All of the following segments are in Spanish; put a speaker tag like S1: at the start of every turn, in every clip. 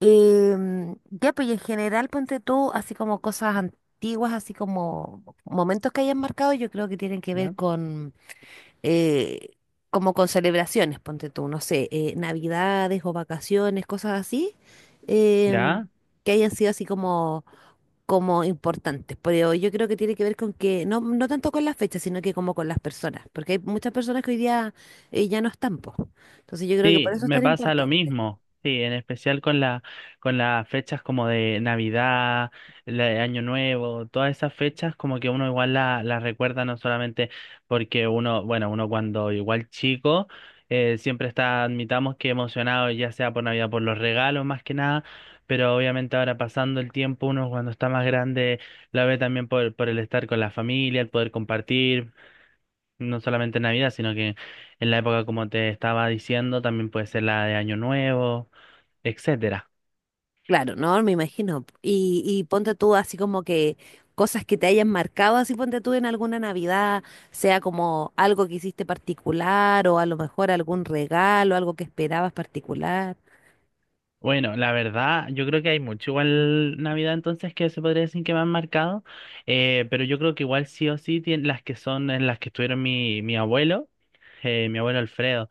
S1: Pues y en general, ponte tú, así como cosas antiguas, así como momentos que hayan marcado, yo creo que tienen que ver
S2: ¿Ya?
S1: con, eh, como con celebraciones, ponte tú, no sé, navidades o vacaciones, cosas así, em,
S2: ¿Ya?
S1: que hayan sido así como, como importantes. Pero yo creo que tiene que ver con que, no tanto con las fechas, sino que como con las personas, porque hay muchas personas que hoy día, ya no están, po. Entonces yo creo que por
S2: Sí,
S1: eso es
S2: me
S1: tan
S2: pasa lo
S1: importante.
S2: mismo. Sí, en especial con con las fechas como de Navidad, la de Año Nuevo, todas esas fechas como que uno igual las recuerda no solamente porque uno, bueno, uno cuando igual chico, siempre está, admitamos que emocionado, ya sea por Navidad, por los regalos más que nada, pero obviamente ahora pasando el tiempo, uno cuando está más grande la ve también por el estar con la familia, el poder compartir. No solamente en Navidad, sino que en la época, como te estaba diciendo, también puede ser la de Año Nuevo, etcétera.
S1: Claro, no, me imagino. Y ponte tú así como que cosas que te hayan marcado, así ponte tú en alguna Navidad, sea como algo que hiciste particular o a lo mejor algún regalo, algo que esperabas particular.
S2: Bueno, la verdad, yo creo que hay mucho igual Navidad entonces que se podría decir que me han marcado, pero yo creo que igual sí o sí las que son en las que estuvieron mi abuelo Alfredo,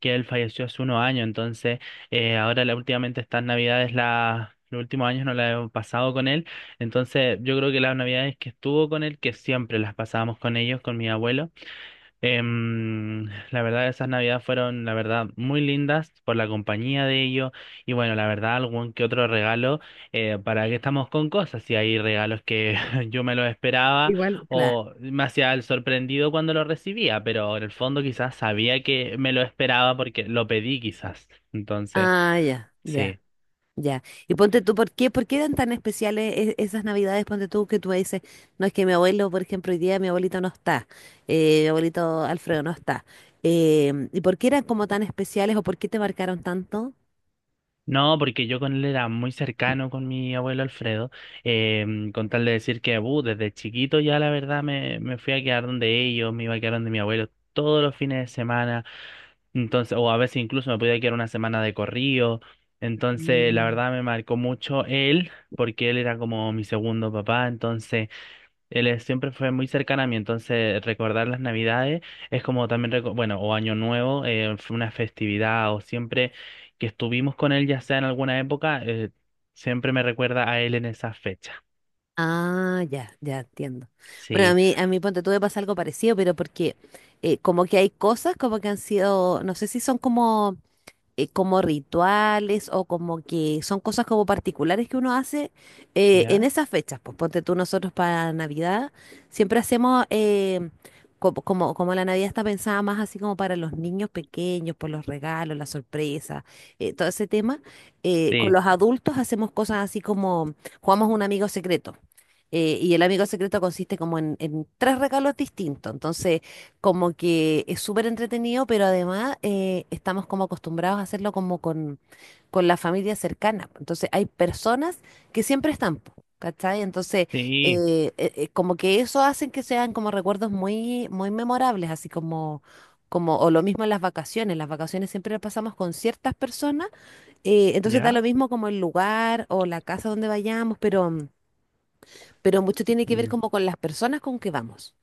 S2: que él falleció hace unos años, entonces últimamente estas Navidades, los últimos años no la he pasado con él, entonces yo creo que las Navidades que estuvo con él, que siempre las pasábamos con ellos, con mi abuelo. Em, la verdad, esas navidades fueron, la verdad, muy lindas por la compañía de ellos y bueno, la verdad, algún que otro regalo, para que estamos con cosas, si hay regalos que yo me los esperaba
S1: Igual, claro.
S2: o me hacía el sorprendido cuando lo recibía, pero en el fondo quizás sabía que me lo esperaba porque lo pedí quizás. Entonces,
S1: Ah, ya, ya,
S2: sí.
S1: ya. Y ponte tú, por qué eran tan especiales esas Navidades? Ponte tú que tú me dices, no es que mi abuelo, por ejemplo, hoy día mi abuelito no está, mi abuelito Alfredo no está. Em, ¿y por qué eran como tan especiales o por qué te marcaron tanto?
S2: No, porque yo con él era muy cercano con mi abuelo Alfredo, con tal de decir que desde chiquito ya la verdad me fui a quedar donde ellos, me iba a quedar donde mi abuelo todos los fines de semana, entonces, o a veces incluso me podía quedar una semana de corrido, entonces la
S1: Mm.
S2: verdad me marcó mucho él, porque él era como mi segundo papá, entonces... Siempre fue muy cercana a mí, entonces recordar las Navidades es como también, bueno, o Año Nuevo, fue una festividad, o siempre que estuvimos con él, ya sea en alguna época, siempre me recuerda a él en esa fecha.
S1: Ah, ya, ya entiendo. Bueno, a
S2: Sí,
S1: mí, a mí ponte tú me pasa algo parecido, pero porque como que hay cosas como que han sido, no sé si son como como rituales o como que son cosas como particulares que uno hace en
S2: ¿ya?
S1: esas fechas. Pues ponte tú nosotros para Navidad, siempre hacemos, como la Navidad está pensada más así como para los niños pequeños, por los regalos, las sorpresas, todo ese tema, con
S2: Sí,
S1: los adultos hacemos cosas así como jugamos un amigo secreto. Y el amigo secreto consiste como en tres regalos distintos. Entonces, como que es súper entretenido, pero además estamos como acostumbrados a hacerlo como con la familia cercana. Entonces hay personas que siempre están, po, ¿cachai? Entonces
S2: sí,
S1: como que eso hacen que sean como recuerdos muy, muy memorables, así como... Como, o lo mismo en las vacaciones siempre las pasamos con ciertas personas, entonces da
S2: ¿ya?
S1: lo mismo como el lugar o la casa donde vayamos, pero mucho tiene que ver
S2: Mm.
S1: como con las personas con que vamos,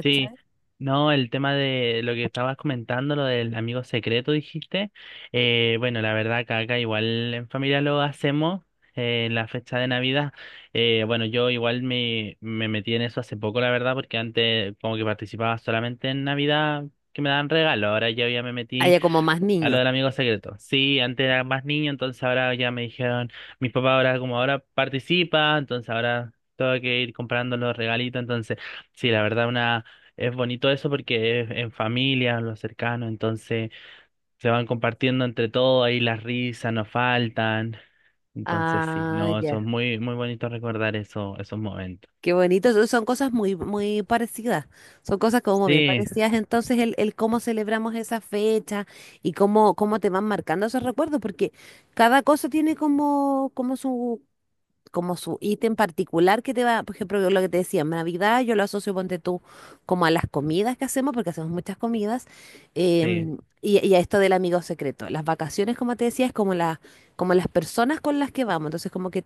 S2: Sí, no, el tema de lo que estabas comentando, lo del amigo secreto, dijiste. Bueno, la verdad que acá igual en familia lo hacemos en la fecha de Navidad. Bueno, yo igual me metí en eso hace poco, la verdad, porque antes como que participaba solamente en Navidad que me daban regalo. Ahora yo ya me metí
S1: Haya como más
S2: a lo
S1: niños.
S2: del amigo secreto. Sí, antes era más niño, entonces ahora ya me dijeron, mis papás ahora como ahora participa, entonces ahora tengo que ir comprando los regalitos, entonces sí, la verdad una es bonito eso porque es en familia, los cercanos, entonces se van compartiendo entre todos, ahí las risas no faltan, entonces sí,
S1: Ah,
S2: no,
S1: ya.
S2: eso es muy muy bonito recordar eso, esos momentos.
S1: Qué bonito. Son son cosas muy, muy parecidas. Son cosas como bien
S2: Sí,
S1: parecidas. Entonces, el cómo celebramos esa fecha y cómo, cómo te van marcando esos recuerdos, porque cada cosa tiene como, como su ítem particular que te va, por ejemplo, lo que te decía, Navidad, yo lo asocio, ponte tú, como a las comidas que hacemos, porque hacemos muchas comidas,
S2: sí,
S1: y a esto del amigo secreto. Las vacaciones, como te decía, es como, la, como las personas con las que vamos, entonces como que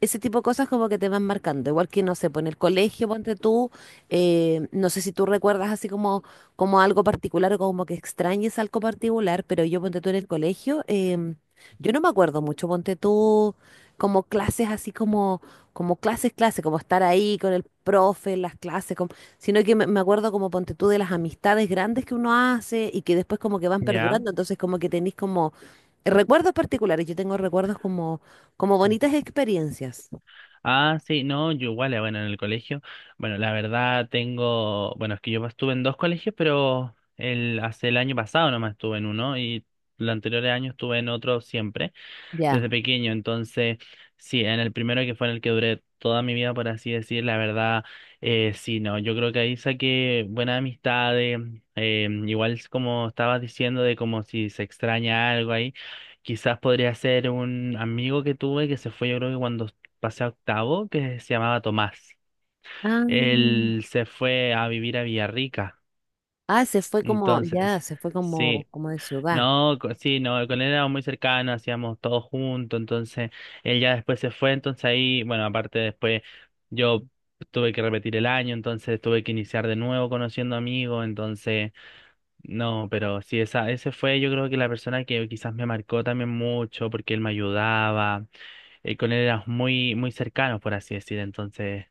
S1: ese tipo de cosas como que te van marcando, igual que, no sé, pues en el colegio, ponte tú, no sé si tú recuerdas así como, como algo particular o como que extrañes algo particular, pero yo, ponte tú, en el colegio, yo no me acuerdo mucho, ponte tú como clases así como, como clases, clases, como estar ahí con el profe, las clases, sino que me acuerdo como ponte tú de las amistades grandes que uno hace y que después como que van
S2: ya.
S1: perdurando, entonces como que tenéis como recuerdos particulares, yo tengo recuerdos como, como bonitas experiencias.
S2: Ah, sí, no, yo igual, bueno, en el colegio, bueno, la verdad tengo, bueno, es que yo estuve en dos colegios, pero hace el año pasado nomás estuve en uno y los anteriores años estuve en otro siempre desde
S1: Ya.
S2: pequeño. Entonces, sí, en el primero que fue en el que duré toda mi vida, por así decir, la verdad, sí, no, yo creo que ahí saqué buenas amistades, igual es como estabas diciendo de como si se extraña algo ahí, quizás podría ser un amigo que tuve que se fue, yo creo que cuando pasé a octavo, que se llamaba Tomás.
S1: Ah,
S2: Él se fue a vivir a Villarrica.
S1: ah, se fue como,
S2: Entonces,
S1: ya, se fue como,
S2: sí.
S1: como de ciudad.
S2: No, sí, no, con él éramos muy cercanos, hacíamos todo juntos, entonces él ya después se fue, entonces ahí, bueno, aparte después yo tuve que repetir el año, entonces tuve que iniciar de nuevo conociendo amigos, entonces no, pero sí, ese fue yo creo que la persona que quizás me marcó también mucho porque él me ayudaba, con él éramos muy, muy cercanos, por así decir, entonces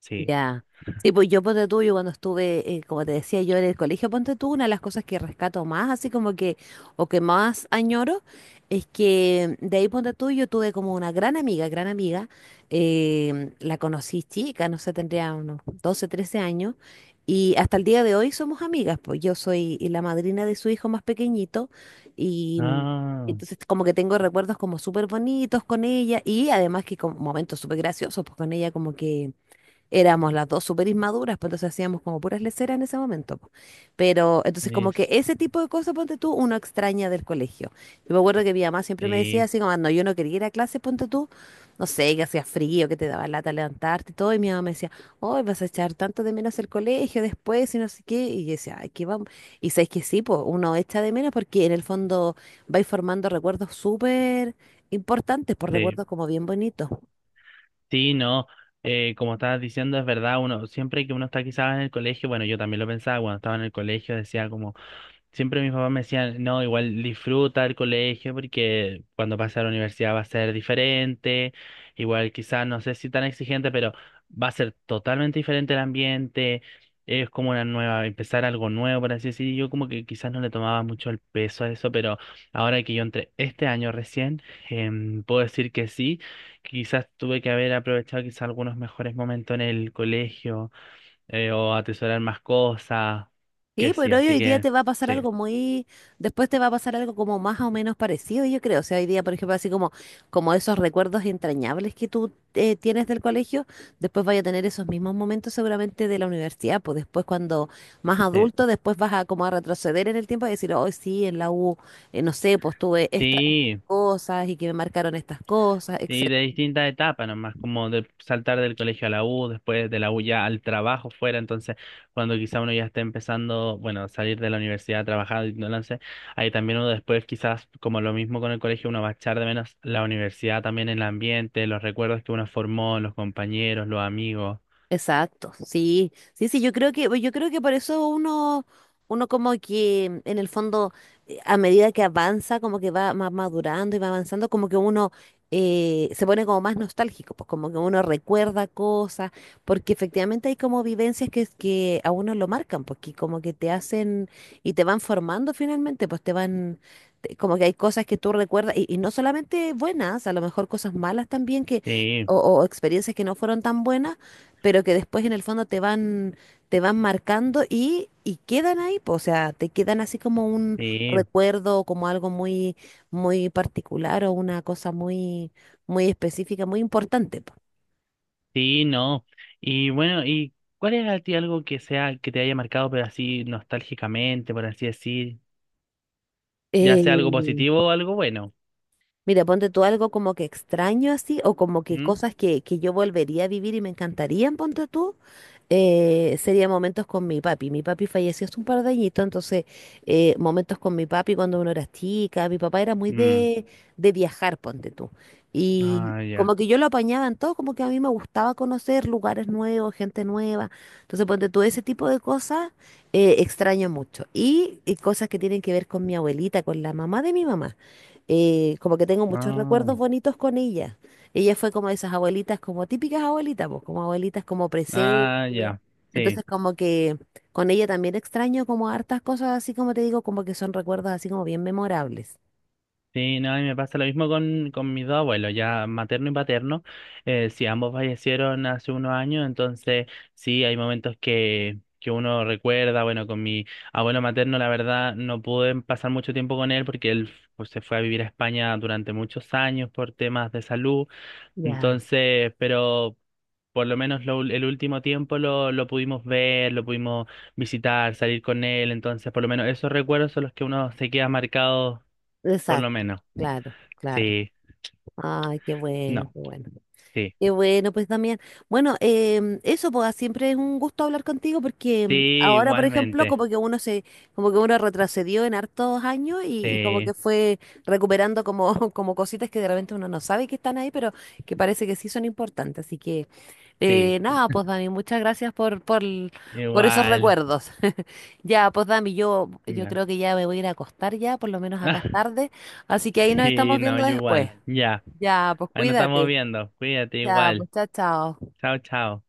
S2: sí.
S1: Ya. Sí, pues yo ponte tú, yo cuando estuve, como te decía yo en el colegio, ponte tú, una de las cosas que rescato más, así como que, o que más añoro, es que de ahí ponte tú, yo tuve como una gran amiga, la conocí chica, no sé, tendría unos 12, 13 años, y hasta el día de hoy somos amigas, pues yo soy la madrina de su hijo más pequeñito, y
S2: Ah,
S1: entonces como que tengo recuerdos como súper bonitos con ella, y además que como momentos súper graciosos, pues con ella como que éramos las dos súper inmaduras, pues entonces hacíamos como puras leceras en ese momento, po. Pero entonces como que
S2: es-
S1: ese tipo de cosas, ponte tú, uno extraña del colegio. Yo me acuerdo que mi mamá siempre me decía
S2: sí,
S1: así como, "Ah, no, yo no quería ir a clase, ponte tú, no sé, que hacía frío, que te daba lata levantarte y todo", y mi mamá me decía, hoy vas a echar tanto de menos el colegio después y no sé qué, y yo decía, ay, qué vamos. Y sabes que sí, pues uno echa de menos porque en el fondo vais formando recuerdos súper importantes, por
S2: sí.
S1: recuerdos como bien bonitos.
S2: Sí, no, como estabas diciendo, es verdad, uno siempre que uno está quizás en el colegio, bueno, yo también lo pensaba cuando estaba en el colegio, decía como, siempre mis papás me decían, no, igual disfruta el colegio porque cuando pases a la universidad va a ser diferente, igual quizás no sé si tan exigente, pero va a ser totalmente diferente el ambiente, es como una nueva, empezar algo nuevo, por así decir, y yo como que quizás no le tomaba mucho el peso a eso, pero ahora que yo entré este año recién, puedo decir que sí, quizás tuve que haber aprovechado quizás algunos mejores momentos en el colegio, o atesorar más cosas,
S1: Sí,
S2: que sí,
S1: pero
S2: así
S1: hoy día
S2: que...
S1: te va a pasar
S2: Sí.
S1: algo muy, después te va a pasar algo como más o menos parecido, yo creo. O sea, hoy día, por ejemplo, así como, como esos recuerdos entrañables que tú tienes del colegio, después vaya a tener esos mismos momentos seguramente de la universidad, pues después cuando más
S2: Sí,
S1: adulto, después vas a como a retroceder en el tiempo y decir, hoy sí, en la U, no sé, pues tuve estas
S2: sí,
S1: cosas y que me marcaron estas cosas,
S2: sí, de
S1: etcétera.
S2: distintas etapas, nomás como de saltar del colegio a la U, después de la U ya al trabajo fuera, entonces cuando quizá uno ya esté empezando, bueno, salir de la universidad a trabajar, y no lo sé, ahí también uno después quizás como lo mismo con el colegio, uno va a echar de menos la universidad también, el ambiente, los recuerdos que uno formó, los compañeros, los amigos.
S1: Exacto, sí, sí, sí, yo creo que, pues, yo creo que por eso uno como que en el fondo, a medida que avanza, como que va más madurando y va avanzando, como que uno se pone como más nostálgico, pues como que uno recuerda cosas, porque efectivamente hay como vivencias que a uno lo marcan, porque como que te hacen y te van formando finalmente, pues te van, como que hay cosas que tú recuerdas, y no solamente buenas, a lo mejor cosas malas también que,
S2: Sí,
S1: o experiencias que no fueron tan buenas pero que después en el fondo te van marcando y quedan ahí, po, o sea, te quedan así como un
S2: sí,
S1: recuerdo, como algo muy, muy particular o una cosa muy, muy específica, muy importante, po.
S2: sí, no. Y bueno, ¿y cuál es a ti algo que sea, que te haya marcado, pero así nostálgicamente, por así decir? Ya sea
S1: Eh,
S2: algo positivo o algo bueno.
S1: Mira, ponte tú algo como que extraño así, o como que
S2: ¿Mm?
S1: cosas que yo volvería a vivir y me encantarían, ponte tú, sería momentos con mi papi. Mi papi falleció hace un par de añitos, entonces momentos con mi papi cuando uno era chica, mi papá era muy
S2: Mm.
S1: de viajar, ponte tú. Y
S2: Ah, ya.
S1: como que yo lo apañaba en todo, como que a mí me gustaba conocer lugares nuevos, gente nueva. Entonces, ponte tú, ese tipo de cosas extraño mucho. Y cosas que tienen que ver con mi abuelita, con la mamá de mi mamá como que tengo muchos
S2: Ah,
S1: recuerdos bonitos con ella. Ella fue como de esas abuelitas, como típicas abuelitas, pues, como abuelitas como
S2: ah,
S1: presentes.
S2: ya. Sí,
S1: Entonces, como que con ella también extraño como hartas cosas, así como te digo, como que son recuerdos así como bien memorables.
S2: sí, no, a mí me pasa lo mismo con mis dos abuelos, ya materno y paterno. Sí, ambos fallecieron hace unos años, entonces sí, hay momentos que uno recuerda. Bueno, con mi abuelo materno, la verdad, no pude pasar mucho tiempo con él porque él pues, se fue a vivir a España durante muchos años por temas de salud.
S1: Ya.
S2: Entonces, pero por lo menos lo el último tiempo lo pudimos ver, lo pudimos visitar, salir con él, entonces por lo menos esos recuerdos son los que uno se queda marcado, por lo
S1: Exacto,
S2: menos.
S1: claro, claro.
S2: Sí,
S1: Ay, qué bueno,
S2: no,
S1: qué bueno.
S2: sí,
S1: Qué bueno, pues también bueno, eso pues siempre es un gusto hablar contigo porque
S2: sí,
S1: ahora, por ejemplo,
S2: igualmente,
S1: como que uno se, como que uno retrocedió en hartos años y como
S2: sí,
S1: que fue recuperando como, como cositas que de repente uno no sabe que están ahí, pero que parece que sí son importantes. Así que
S2: sí,
S1: nada, pues Dami, muchas gracias por esos
S2: igual,
S1: recuerdos. Ya, pues Dami, yo
S2: ya.
S1: creo que ya me voy a ir a acostar ya, por lo menos acá es tarde. Así que ahí nos
S2: Sí,
S1: estamos
S2: no,
S1: viendo
S2: yo
S1: después.
S2: igual, ya.
S1: Ya, pues
S2: Ahí nos estamos
S1: cuídate.
S2: viendo, cuídate
S1: Ya, pues
S2: igual,
S1: chao, chao.
S2: chao, chao.